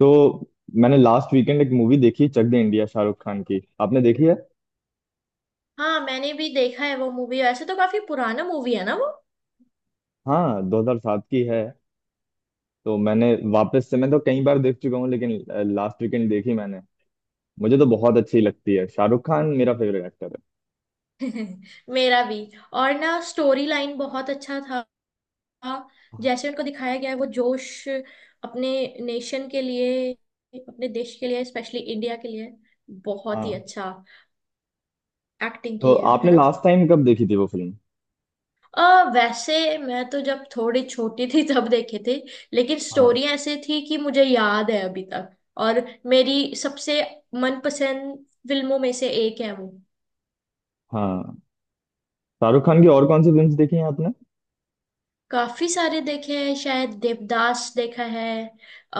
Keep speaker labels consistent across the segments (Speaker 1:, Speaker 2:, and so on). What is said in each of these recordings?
Speaker 1: तो मैंने last weekend एक मूवी देखी, चक दे इंडिया, शाहरुख खान की। आपने देखी है?
Speaker 2: हाँ, मैंने भी देखा है वो मूवी। वैसे तो काफी पुराना मूवी है ना वो।
Speaker 1: हाँ, 2007 की है। तो मैंने वापस से मैं तो कई बार देख चुका हूँ, लेकिन लास्ट वीकेंड देखी मैंने। मुझे तो बहुत अच्छी लगती है। शाहरुख खान मेरा फेवरेट एक्टर
Speaker 2: मेरा भी। और ना स्टोरी लाइन बहुत अच्छा था।
Speaker 1: है।
Speaker 2: जैसे उनको दिखाया गया है वो जोश अपने नेशन के लिए, अपने देश के लिए, स्पेशली इंडिया के लिए बहुत ही
Speaker 1: हाँ।
Speaker 2: अच्छा एक्टिंग
Speaker 1: तो
Speaker 2: की है
Speaker 1: आपने
Speaker 2: ना।
Speaker 1: लास्ट टाइम कब देखी थी वो फिल्म?
Speaker 2: वैसे मैं तो जब थोड़ी छोटी थी तब देखे थे। लेकिन
Speaker 1: हाँ
Speaker 2: स्टोरी ऐसे थी कि मुझे याद है अभी तक। और मेरी सबसे मनपसंद फिल्मों में से एक है वो।
Speaker 1: हाँ। शाहरुख खान की और कौन सी फिल्म्स देखी हैं आपने?
Speaker 2: काफी सारे देखे हैं, शायद देवदास देखा है,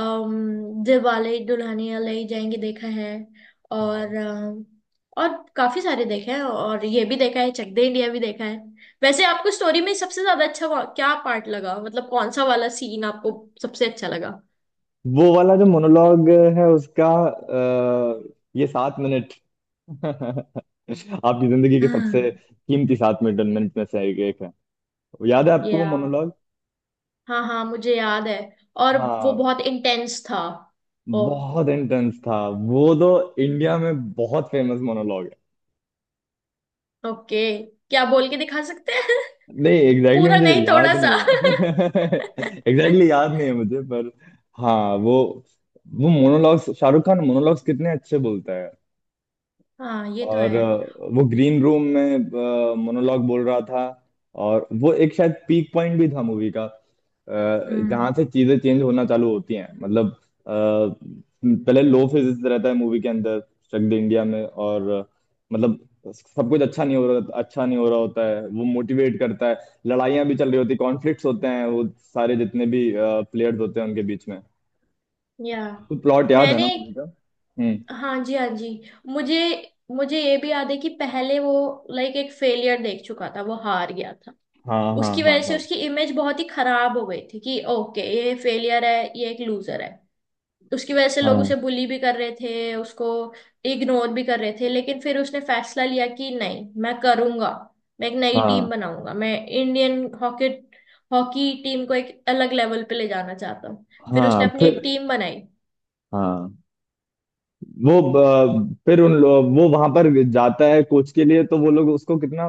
Speaker 2: अम दिलवाले दुल्हनिया ले जाएंगे देखा है,
Speaker 1: हाँ।
Speaker 2: और और काफी सारे देखे हैं, और ये भी देखा है, चक दे इंडिया भी देखा है। वैसे आपको स्टोरी में सबसे ज्यादा अच्छा क्या पार्ट लगा, मतलब कौन सा वाला सीन आपको सबसे अच्छा लगा?
Speaker 1: वो वाला जो मोनोलॉग है उसका, ये सात मिनट आपकी जिंदगी के सबसे
Speaker 2: हाँ।
Speaker 1: कीमती सात मिनट मिनट में से एक है। याद है आपको वो
Speaker 2: या।
Speaker 1: मोनोलॉग?
Speaker 2: हाँ हाँ, मुझे याद है। और वो
Speaker 1: हाँ।
Speaker 2: बहुत इंटेंस था। ओह।
Speaker 1: बहुत इंटेंस था वो तो। इंडिया में बहुत फेमस मोनोलॉग है।
Speaker 2: ओके, क्या बोल के दिखा सकते हैं?
Speaker 1: नहीं, एग्जैक्टली
Speaker 2: पूरा
Speaker 1: मुझे
Speaker 2: नहीं,
Speaker 1: याद
Speaker 2: थोड़ा
Speaker 1: नहीं है
Speaker 2: सा।
Speaker 1: एग्जैक्टली याद नहीं है मुझे, पर हाँ। वो वो मोनोलॉग्स, शाहरुख खान मोनोलॉग्स कितने अच्छे बोलता है।
Speaker 2: हाँ, ये तो
Speaker 1: और
Speaker 2: है।
Speaker 1: वो ग्रीन रूम में मोनोलॉग बोल रहा था। और वो एक शायद पीक पॉइंट भी था मूवी का, जहाँ
Speaker 2: हम्म।
Speaker 1: से चीजें चेंज होना चालू होती हैं। मतलब अ, पहले लो फिजिक्स रहता है मूवी के अंदर, स्ट्रक द इंडिया में। और मतलब सब कुछ अच्छा नहीं हो रहा होता है, वो मोटिवेट करता है। लड़ाइयाँ भी चल रही होती, कॉन्फ्लिक्ट्स होते हैं वो सारे जितने भी प्लेयर्स होते हैं उनके बीच में।
Speaker 2: या।
Speaker 1: तो प्लॉट याद है ना
Speaker 2: मैंने।
Speaker 1: मूवी का? हम्म।
Speaker 2: हाँ जी, हाँ जी। मुझे मुझे ये भी याद है कि पहले वो लाइक एक फेलियर देख चुका था, वो हार गया था।
Speaker 1: हाँ हाँ
Speaker 2: उसकी वजह
Speaker 1: हाँ
Speaker 2: से
Speaker 1: हाँ,
Speaker 2: उसकी इमेज बहुत ही खराब हो गई थी कि ओके ये फेलियर है, ये एक लूजर है। तो उसकी वजह से लोग उसे
Speaker 1: हाँ
Speaker 2: बुली भी कर रहे थे, उसको इग्नोर भी कर रहे थे। लेकिन फिर उसने फैसला लिया कि नहीं, मैं करूंगा। मैं एक नई टीम
Speaker 1: हाँ
Speaker 2: बनाऊंगा, मैं इंडियन हॉकी हॉकी टीम को एक अलग लेवल पे ले जाना चाहता हूँ। फिर उसने
Speaker 1: हाँ,
Speaker 2: अपनी
Speaker 1: फिर
Speaker 2: एक टीम बनाई।
Speaker 1: हाँ। फिर उन लोग वो वहां पर जाता है कोच के लिए, तो वो लोग उसको कितना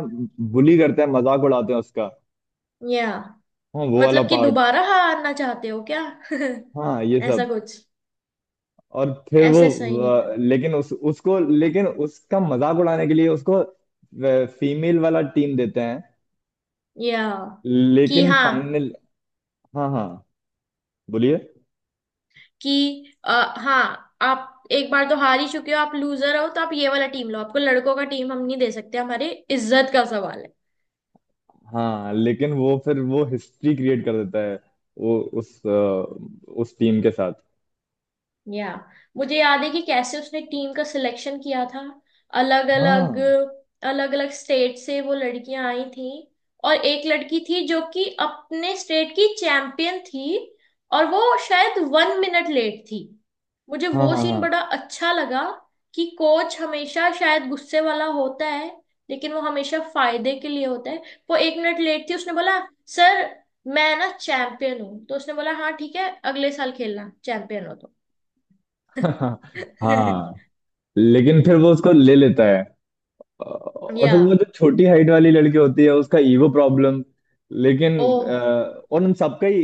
Speaker 1: बुली करते हैं, मजाक उड़ाते हैं उसका।
Speaker 2: या।
Speaker 1: हाँ वो वाला
Speaker 2: मतलब कि
Speaker 1: पार्ट।
Speaker 2: दोबारा हारना चाहते हो क्या?
Speaker 1: हाँ ये
Speaker 2: ऐसा
Speaker 1: सब।
Speaker 2: कुछ।
Speaker 1: और फिर वो,
Speaker 2: ऐसे सही नहीं था।
Speaker 1: लेकिन उस उसको, लेकिन उसका मजाक उड़ाने के लिए उसको फीमेल वाला टीम देते हैं।
Speaker 2: या। कि
Speaker 1: लेकिन
Speaker 2: हाँ।
Speaker 1: फाइनल। हाँ हाँ, बोलिए।
Speaker 2: कि हाँ, आप एक बार तो हार ही चुके हो, आप लूजर हो, तो आप ये वाला टीम लो, आपको लड़कों का टीम हम नहीं दे सकते, हमारी इज्जत का सवाल है।
Speaker 1: हाँ, लेकिन वो फिर वो हिस्ट्री क्रिएट कर देता है वो उस टीम के साथ।
Speaker 2: या। मुझे याद है कि कैसे उसने टीम का सिलेक्शन किया था। अलग अलग
Speaker 1: हाँ
Speaker 2: अलग अलग स्टेट से वो लड़कियां आई थी। और एक लड़की थी जो कि अपने स्टेट की चैंपियन थी। और वो शायद 1 मिनट लेट थी। मुझे
Speaker 1: हाँ
Speaker 2: वो
Speaker 1: हाँ
Speaker 2: सीन
Speaker 1: हाँ
Speaker 2: बड़ा अच्छा लगा। कि कोच हमेशा शायद गुस्से वाला होता है, लेकिन वो हमेशा फायदे के लिए होता है। वो 1 मिनट लेट थी, उसने बोला सर, मैं ना चैंपियन हूँ। तो उसने बोला हाँ ठीक है, अगले साल खेलना, चैंपियन हो तो।
Speaker 1: हाँ। लेकिन फिर वो उसको ले लेता है, और
Speaker 2: या।
Speaker 1: फिर वो जो छोटी हाइट वाली लड़की होती है उसका ईगो प्रॉब्लम। लेकिन अ,
Speaker 2: ओह।
Speaker 1: और उन सबका ही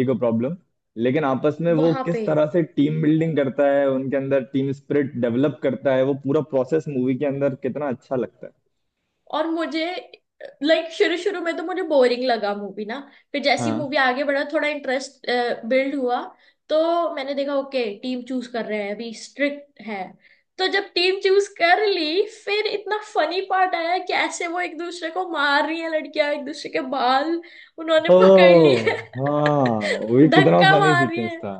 Speaker 1: ईगो प्रॉब्लम। लेकिन आपस में वो
Speaker 2: वहां पे।
Speaker 1: किस तरह से टीम बिल्डिंग करता है, उनके अंदर टीम स्पिरिट डेवलप करता है, वो पूरा प्रोसेस मूवी के अंदर कितना अच्छा लगता है।
Speaker 2: और मुझे लाइक शुरू शुरू में तो मुझे बोरिंग लगा मूवी ना। फिर जैसी मूवी
Speaker 1: हाँ।
Speaker 2: आगे बढ़ा थोड़ा इंटरेस्ट बिल्ड हुआ। तो मैंने देखा ओके टीम चूज कर रहे हैं, अभी स्ट्रिक्ट है। तो जब टीम चूज कर ली, फिर इतना फनी पार्ट आया कि ऐसे वो एक दूसरे को मार रही है लड़कियां, एक दूसरे के बाल उन्होंने
Speaker 1: ओ।
Speaker 2: पकड़ लिए।
Speaker 1: हाँ, वो भी कितना
Speaker 2: धक्का
Speaker 1: फनी
Speaker 2: मार रही
Speaker 1: सीक्वेंस
Speaker 2: है।
Speaker 1: था।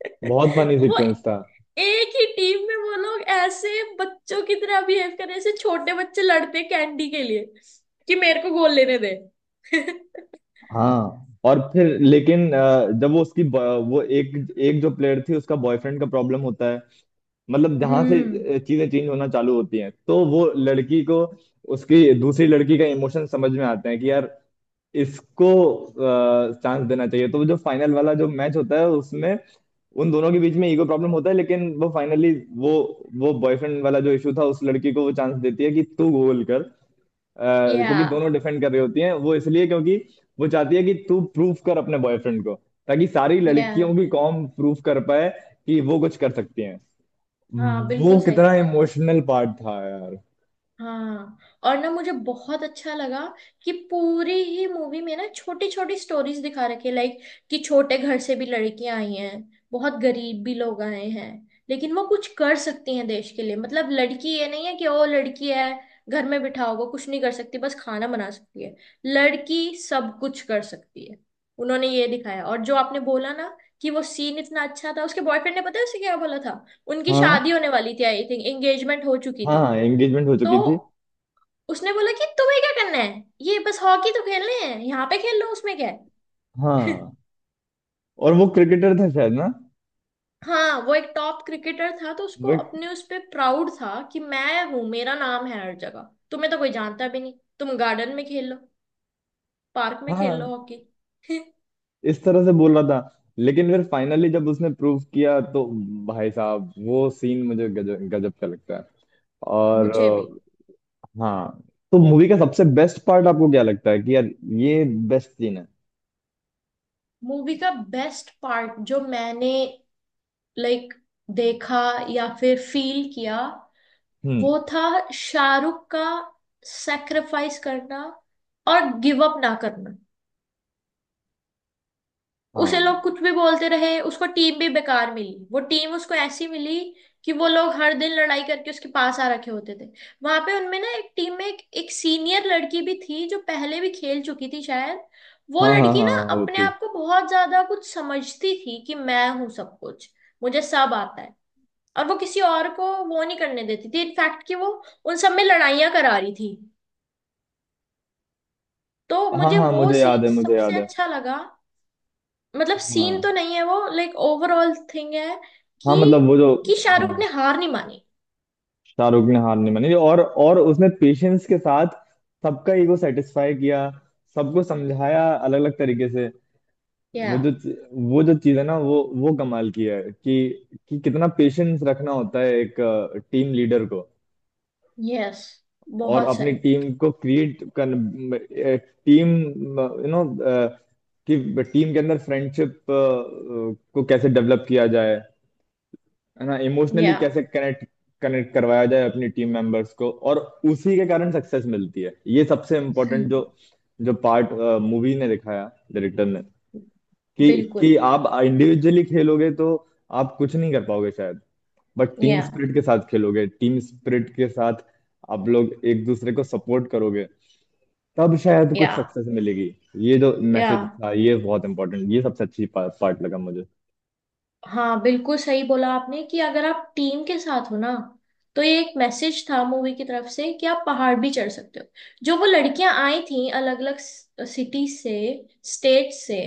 Speaker 1: बहुत फनी
Speaker 2: वो
Speaker 1: सीक्वेंस था।
Speaker 2: एक ही टीम में वो लोग ऐसे बच्चों की तरह बिहेव कर रहे हैं, ऐसे छोटे बच्चे लड़ते हैं कैंडी के लिए, कि मेरे को गोल लेने दे।
Speaker 1: हाँ, और फिर लेकिन जब वो वो एक एक जो प्लेयर थी उसका बॉयफ्रेंड का प्रॉब्लम होता है। मतलब जहां से
Speaker 2: हम्म।
Speaker 1: चीजें चेंज होना चालू होती हैं, तो वो लड़की को उसकी दूसरी लड़की का इमोशन समझ में आते हैं कि यार इसको चांस देना चाहिए। तो वो जो फाइनल वाला जो मैच होता है उसमें उन दोनों के बीच में ईगो प्रॉब्लम होता है, लेकिन वो फाइनली वो वो बॉयफ्रेंड वाला जो इशू था, उस लड़की को वो चांस देती है कि तू गोल कर।
Speaker 2: या।
Speaker 1: क्योंकि दोनों डिफेंड कर रही होती हैं वो, इसलिए क्योंकि वो चाहती है कि तू प्रूफ कर अपने बॉयफ्रेंड को, ताकि सारी
Speaker 2: या।
Speaker 1: लड़कियों की कॉम प्रूफ कर पाए कि वो कुछ कर सकती हैं।
Speaker 2: हाँ,
Speaker 1: वो
Speaker 2: बिल्कुल सही।
Speaker 1: कितना इमोशनल पार्ट था यार।
Speaker 2: हाँ, और ना मुझे बहुत अच्छा लगा कि पूरी ही मूवी में ना छोटी छोटी स्टोरीज दिखा रखी है, लाइक कि छोटे घर से भी लड़कियां आई हैं, बहुत गरीब भी लोग आए हैं, लेकिन वो कुछ कर सकती हैं देश के लिए। मतलब लड़की ये नहीं है कि ओ लड़की है, घर में बिठा होगा, कुछ नहीं कर सकती, बस खाना बना सकती है। लड़की सब कुछ कर सकती है। उन्होंने ये दिखाया। और जो आपने बोला ना कि वो सीन इतना अच्छा था, उसके बॉयफ्रेंड ने पता है उसे क्या बोला था? उनकी शादी
Speaker 1: हाँ
Speaker 2: होने वाली थी, आई थिंक एंगेजमेंट हो चुकी
Speaker 1: हाँ
Speaker 2: थी।
Speaker 1: हाँ, एंगेजमेंट हो चुकी थी।
Speaker 2: तो उसने बोला कि तुम्हें क्या करना है ये, बस हॉकी तो खेलने हैं, यहाँ पे खेल लो, उसमें क्या है।
Speaker 1: हाँ, और वो क्रिकेटर था शायद ना?
Speaker 2: हाँ, वो एक टॉप क्रिकेटर था, तो उसको
Speaker 1: वो एक-
Speaker 2: अपने उस पे प्राउड था कि मैं हूँ, मेरा नाम है हर जगह, तुम्हें तो कोई जानता भी नहीं। तुम गार्डन में खेल लो, पार्क में खेल लो
Speaker 1: हाँ,
Speaker 2: हॉकी।
Speaker 1: इस तरह से बोल रहा था। लेकिन फिर फाइनली जब उसने प्रूफ किया, तो भाई साहब, वो सीन मुझे गजब गजब का लगता है। और
Speaker 2: मुझे भी।
Speaker 1: हाँ। तो मूवी का सबसे बेस्ट पार्ट आपको क्या लगता है कि यार ये बेस्ट सीन है?
Speaker 2: मूवी का बेस्ट पार्ट जो मैंने, लाइक, देखा या फिर फील किया,
Speaker 1: हम्म।
Speaker 2: वो था शाहरुख का सेक्रीफाइस करना और गिव अप ना करना। उसे
Speaker 1: हाँ
Speaker 2: लोग कुछ भी बोलते रहे, उसको टीम भी बेकार मिली, वो टीम उसको ऐसी मिली कि वो लोग हर दिन लड़ाई करके उसके पास आ रखे होते थे। वहां पे उनमें ना एक टीम में एक सीनियर लड़की भी थी जो पहले भी खेल चुकी थी शायद। वो
Speaker 1: हाँ हाँ
Speaker 2: लड़की
Speaker 1: हाँ,
Speaker 2: ना
Speaker 1: वो
Speaker 2: अपने
Speaker 1: थी।
Speaker 2: आप को बहुत ज्यादा कुछ समझती थी कि मैं हूं सब कुछ, मुझे सब आता है। और वो किसी और को वो नहीं करने देती थी, इनफैक्ट कि वो उन सब में लड़ाइयां करा रही थी। तो
Speaker 1: हाँ
Speaker 2: मुझे
Speaker 1: हाँ,
Speaker 2: वो
Speaker 1: मुझे याद
Speaker 2: सीन
Speaker 1: है, मुझे
Speaker 2: सबसे
Speaker 1: याद है।
Speaker 2: अच्छा लगा। मतलब सीन तो
Speaker 1: हाँ
Speaker 2: नहीं है वो, लाइक ओवरऑल थिंग है कि
Speaker 1: हाँ, मतलब वो जो।
Speaker 2: कि शाहरुख
Speaker 1: हाँ,
Speaker 2: ने हार नहीं मानी।
Speaker 1: शाहरुख ने हार नहीं मानी, और उसने पेशेंस के साथ सबका ईगो सेटिस्फाई किया, सबको समझाया अलग अलग तरीके से। वो जो
Speaker 2: या।
Speaker 1: चीज- वो जो चीज है ना, वो कमाल की है कि कितना पेशेंस रखना होता है एक टीम लीडर को।
Speaker 2: यस,
Speaker 1: और
Speaker 2: बहुत
Speaker 1: अपनी
Speaker 2: सही।
Speaker 1: टीम को क्रिएट कर, टीम कि टीम के अंदर फ्रेंडशिप को कैसे डेवलप किया जाए, है ना। इमोशनली
Speaker 2: या।
Speaker 1: कैसे कनेक्ट कनेक्ट करवाया जाए अपनी टीम मेंबर्स को, और उसी के कारण सक्सेस मिलती है। ये सबसे इम्पोर्टेंट जो जो पार्ट मूवी ने दिखाया, डायरेक्टर ने, कि
Speaker 2: बिल्कुल।
Speaker 1: आप इंडिविजुअली खेलोगे तो आप कुछ नहीं कर पाओगे शायद। बट टीम
Speaker 2: या।
Speaker 1: स्पिरिट के साथ खेलोगे, टीम स्पिरिट के साथ आप लोग एक दूसरे को सपोर्ट करोगे, तब शायद कुछ
Speaker 2: या।
Speaker 1: सक्सेस मिलेगी। ये जो
Speaker 2: या।
Speaker 1: मैसेज था ये बहुत इंपॉर्टेंट, ये सबसे अच्छी पार्ट लगा मुझे।
Speaker 2: हाँ, बिल्कुल सही बोला आपने कि अगर आप टीम के साथ हो ना, तो ये एक मैसेज था मूवी की तरफ से कि आप पहाड़ भी चढ़ सकते हो। जो वो लड़कियां आई थी अलग अलग सिटी से, स्टेट से,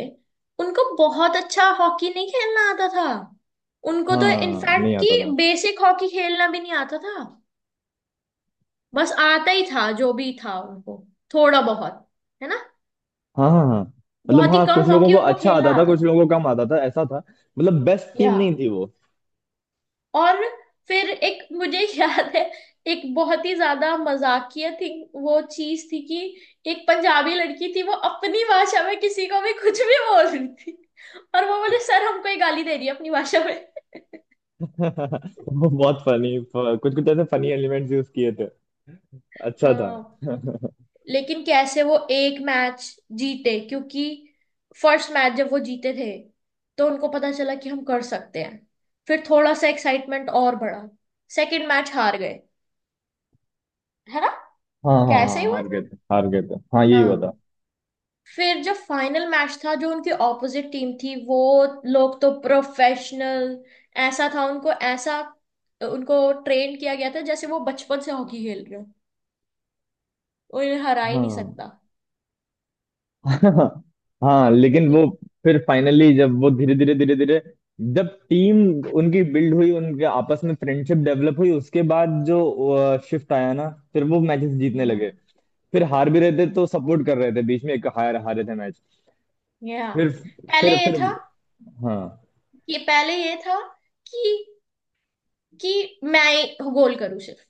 Speaker 2: उनको बहुत अच्छा हॉकी नहीं खेलना आता था, उनको तो
Speaker 1: हाँ,
Speaker 2: इनफैक्ट
Speaker 1: नहीं
Speaker 2: कि
Speaker 1: आता था।
Speaker 2: बेसिक हॉकी खेलना भी नहीं आता था। बस आता ही था जो भी था उनको, थोड़ा बहुत, है ना।
Speaker 1: हाँ हाँ हाँ। मतलब
Speaker 2: बहुत ही
Speaker 1: हाँ, कुछ
Speaker 2: कम
Speaker 1: लोगों
Speaker 2: हॉकी
Speaker 1: को
Speaker 2: उनको
Speaker 1: अच्छा
Speaker 2: खेलना
Speaker 1: आता था,
Speaker 2: आता
Speaker 1: कुछ
Speaker 2: था।
Speaker 1: लोगों को कम आता था, ऐसा था। मतलब बेस्ट
Speaker 2: या।
Speaker 1: टीम नहीं थी वो।
Speaker 2: और फिर एक मुझे याद है, एक बहुत ही ज्यादा मजाकिया थी। वो चीज थी कि एक पंजाबी लड़की थी, वो अपनी भाषा में किसी को भी कुछ भी बोल रही थी, और वो बोले सर हमको ये गाली दे रही है अपनी भाषा में।
Speaker 1: वो बहुत फनी, कुछ कुछ ऐसे फनी एलिमेंट्स यूज किए थे, अच्छा था।
Speaker 2: हाँ, लेकिन कैसे वो एक मैच जीते, क्योंकि फर्स्ट मैच जब वो जीते थे, तो उनको पता चला कि हम कर सकते हैं। फिर थोड़ा सा एक्साइटमेंट और बढ़ा। सेकंड मैच हार गए, है ना।
Speaker 1: हाँ हाँ
Speaker 2: कैसे ही
Speaker 1: हाँ,
Speaker 2: हुआ
Speaker 1: हार गए
Speaker 2: था।
Speaker 1: थे, हार गए थे, हाँ यही हुआ था।
Speaker 2: हाँ। फिर जब फाइनल मैच था, जो उनकी ऑपोजिट टीम थी वो लोग तो प्रोफेशनल ऐसा था उनको, ऐसा उनको ट्रेन किया गया था जैसे वो बचपन से हॉकी खेल रहे हो, उन्हें हरा ही नहीं
Speaker 1: हाँ
Speaker 2: सकता।
Speaker 1: हाँ हाँ, लेकिन वो फिर फाइनली जब वो धीरे धीरे जब टीम उनकी बिल्ड हुई, उनके आपस में फ्रेंडशिप डेवलप हुई, उसके बाद जो शिफ्ट आया ना, फिर वो मैचेस जीतने
Speaker 2: या।
Speaker 1: लगे। फिर हार भी रहे थे तो सपोर्ट कर रहे थे, बीच में एक हार हारे थे मैच।
Speaker 2: या।
Speaker 1: फिर
Speaker 2: पहले ये
Speaker 1: फिर,
Speaker 2: था
Speaker 1: हाँ।
Speaker 2: पहले ये था कि कि मैं गोल करूं सिर्फ।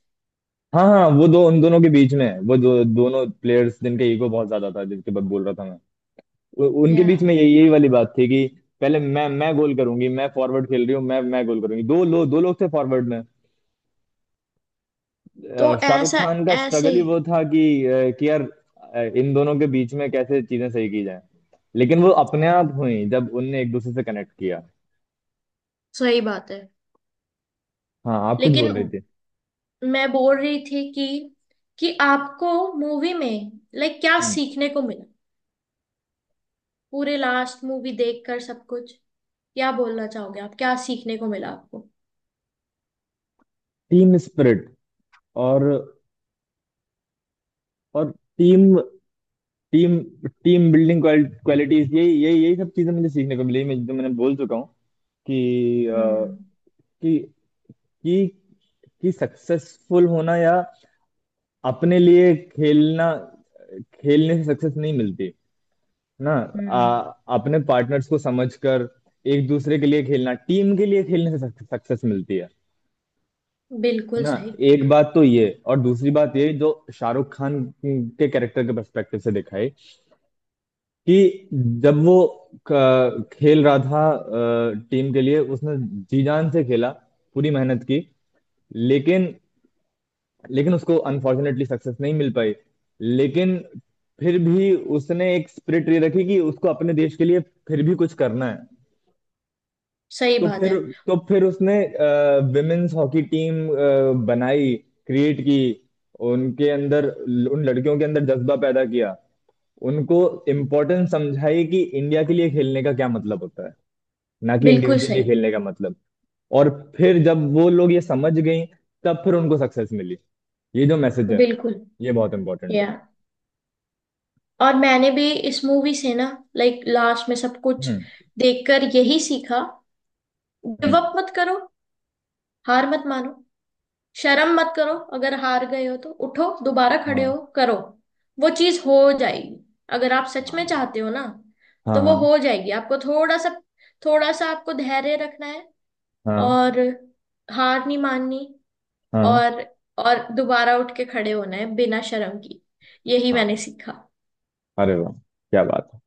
Speaker 1: हाँ हाँ वो दो उन दोनों के बीच में है, वो दो दोनों प्लेयर्स जिनके ईगो बहुत ज्यादा था, जिनके बाद बोल रहा था। उनके
Speaker 2: या।
Speaker 1: बीच में यही यही वाली बात थी कि पहले मैं गोल करूंगी, मैं फॉरवर्ड खेल रही हूँ, मैं गोल करूंगी, दो लोग थे फॉरवर्ड में।
Speaker 2: तो
Speaker 1: शाहरुख
Speaker 2: ऐसा
Speaker 1: खान का
Speaker 2: ऐसे
Speaker 1: स्ट्रगल ही वो था कि कि यार इन दोनों के बीच में कैसे चीजें सही की जाए। लेकिन वो अपने आप हुई जब उनने एक दूसरे से कनेक्ट किया।
Speaker 2: सही बात है।
Speaker 1: हाँ, आप कुछ
Speaker 2: लेकिन
Speaker 1: बोल रहे थे?
Speaker 2: मैं बोल रही थी कि आपको मूवी में, लाइक, क्या
Speaker 1: हम्म।
Speaker 2: सीखने को मिला पूरे लास्ट मूवी देखकर सब कुछ, क्या बोलना चाहोगे आप, क्या सीखने को मिला आपको?
Speaker 1: टीम स्पिरिट, और और team team team building qualities, यही यही यही सब चीजें मुझे सीखने को मिली, मैं जो मैंने बोल चुका हूँ, कि
Speaker 2: हम्म।
Speaker 1: कि कि कि सक्सेसफुल होना या अपने लिए खेलना, खेलने से सक्सेस नहीं मिलती ना। आ,
Speaker 2: हम्म।
Speaker 1: अपने पार्टनर्स को समझकर एक दूसरे के लिए खेलना, टीम के लिए खेलने से सक्सेस मिलती है
Speaker 2: बिल्कुल
Speaker 1: ना।
Speaker 2: सही।
Speaker 1: एक बात तो ये, और दूसरी बात ये जो शाहरुख खान के कैरेक्टर के पर्सपेक्टिव से दिखाई, कि जब वो खेल रहा था टीम के लिए, उसने जी जान से खेला, पूरी मेहनत की। लेकिन लेकिन उसको अनफॉर्चुनेटली सक्सेस नहीं मिल पाई। लेकिन फिर भी उसने एक स्पिरिट ये रखी कि उसको अपने देश के लिए फिर भी कुछ करना है।
Speaker 2: सही
Speaker 1: तो
Speaker 2: बात
Speaker 1: फिर
Speaker 2: है।
Speaker 1: तो फिर उसने विमेन्स हॉकी टीम बनाई, क्रिएट की। उनके अंदर, उन लड़कियों के अंदर जज्बा पैदा किया, उनको इम्पोर्टेंस समझाई कि इंडिया के लिए खेलने का क्या मतलब होता है, ना कि
Speaker 2: बिल्कुल
Speaker 1: इंडिविजुअली
Speaker 2: सही।
Speaker 1: खेलने का मतलब। और फिर जब वो लोग ये समझ गई, तब फिर उनको सक्सेस मिली। ये जो मैसेज है
Speaker 2: बिल्कुल।
Speaker 1: ये बहुत इंपॉर्टेंट
Speaker 2: या।
Speaker 1: है।
Speaker 2: और मैंने भी इस मूवी से ना, लाइक लास्ट में सब कुछ
Speaker 1: हम्म।
Speaker 2: देखकर यही सीखा। Give
Speaker 1: hmm.
Speaker 2: अप मत करो, हार मत मानो, शर्म मत करो, अगर हार गए हो तो उठो, दोबारा खड़े
Speaker 1: हाँ
Speaker 2: हो करो। वो चीज हो जाएगी, अगर आप सच में
Speaker 1: हाँ
Speaker 2: चाहते हो ना, तो वो
Speaker 1: हाँ
Speaker 2: हो जाएगी। आपको थोड़ा सा, थोड़ा सा आपको धैर्य रखना है
Speaker 1: हाँ
Speaker 2: और हार नहीं माननी,
Speaker 1: हाँ हाँ
Speaker 2: और और दोबारा उठ के खड़े होना है बिना शर्म की। यही
Speaker 1: हाँ।
Speaker 2: मैंने सीखा।
Speaker 1: अरे वाह, क्या बात है।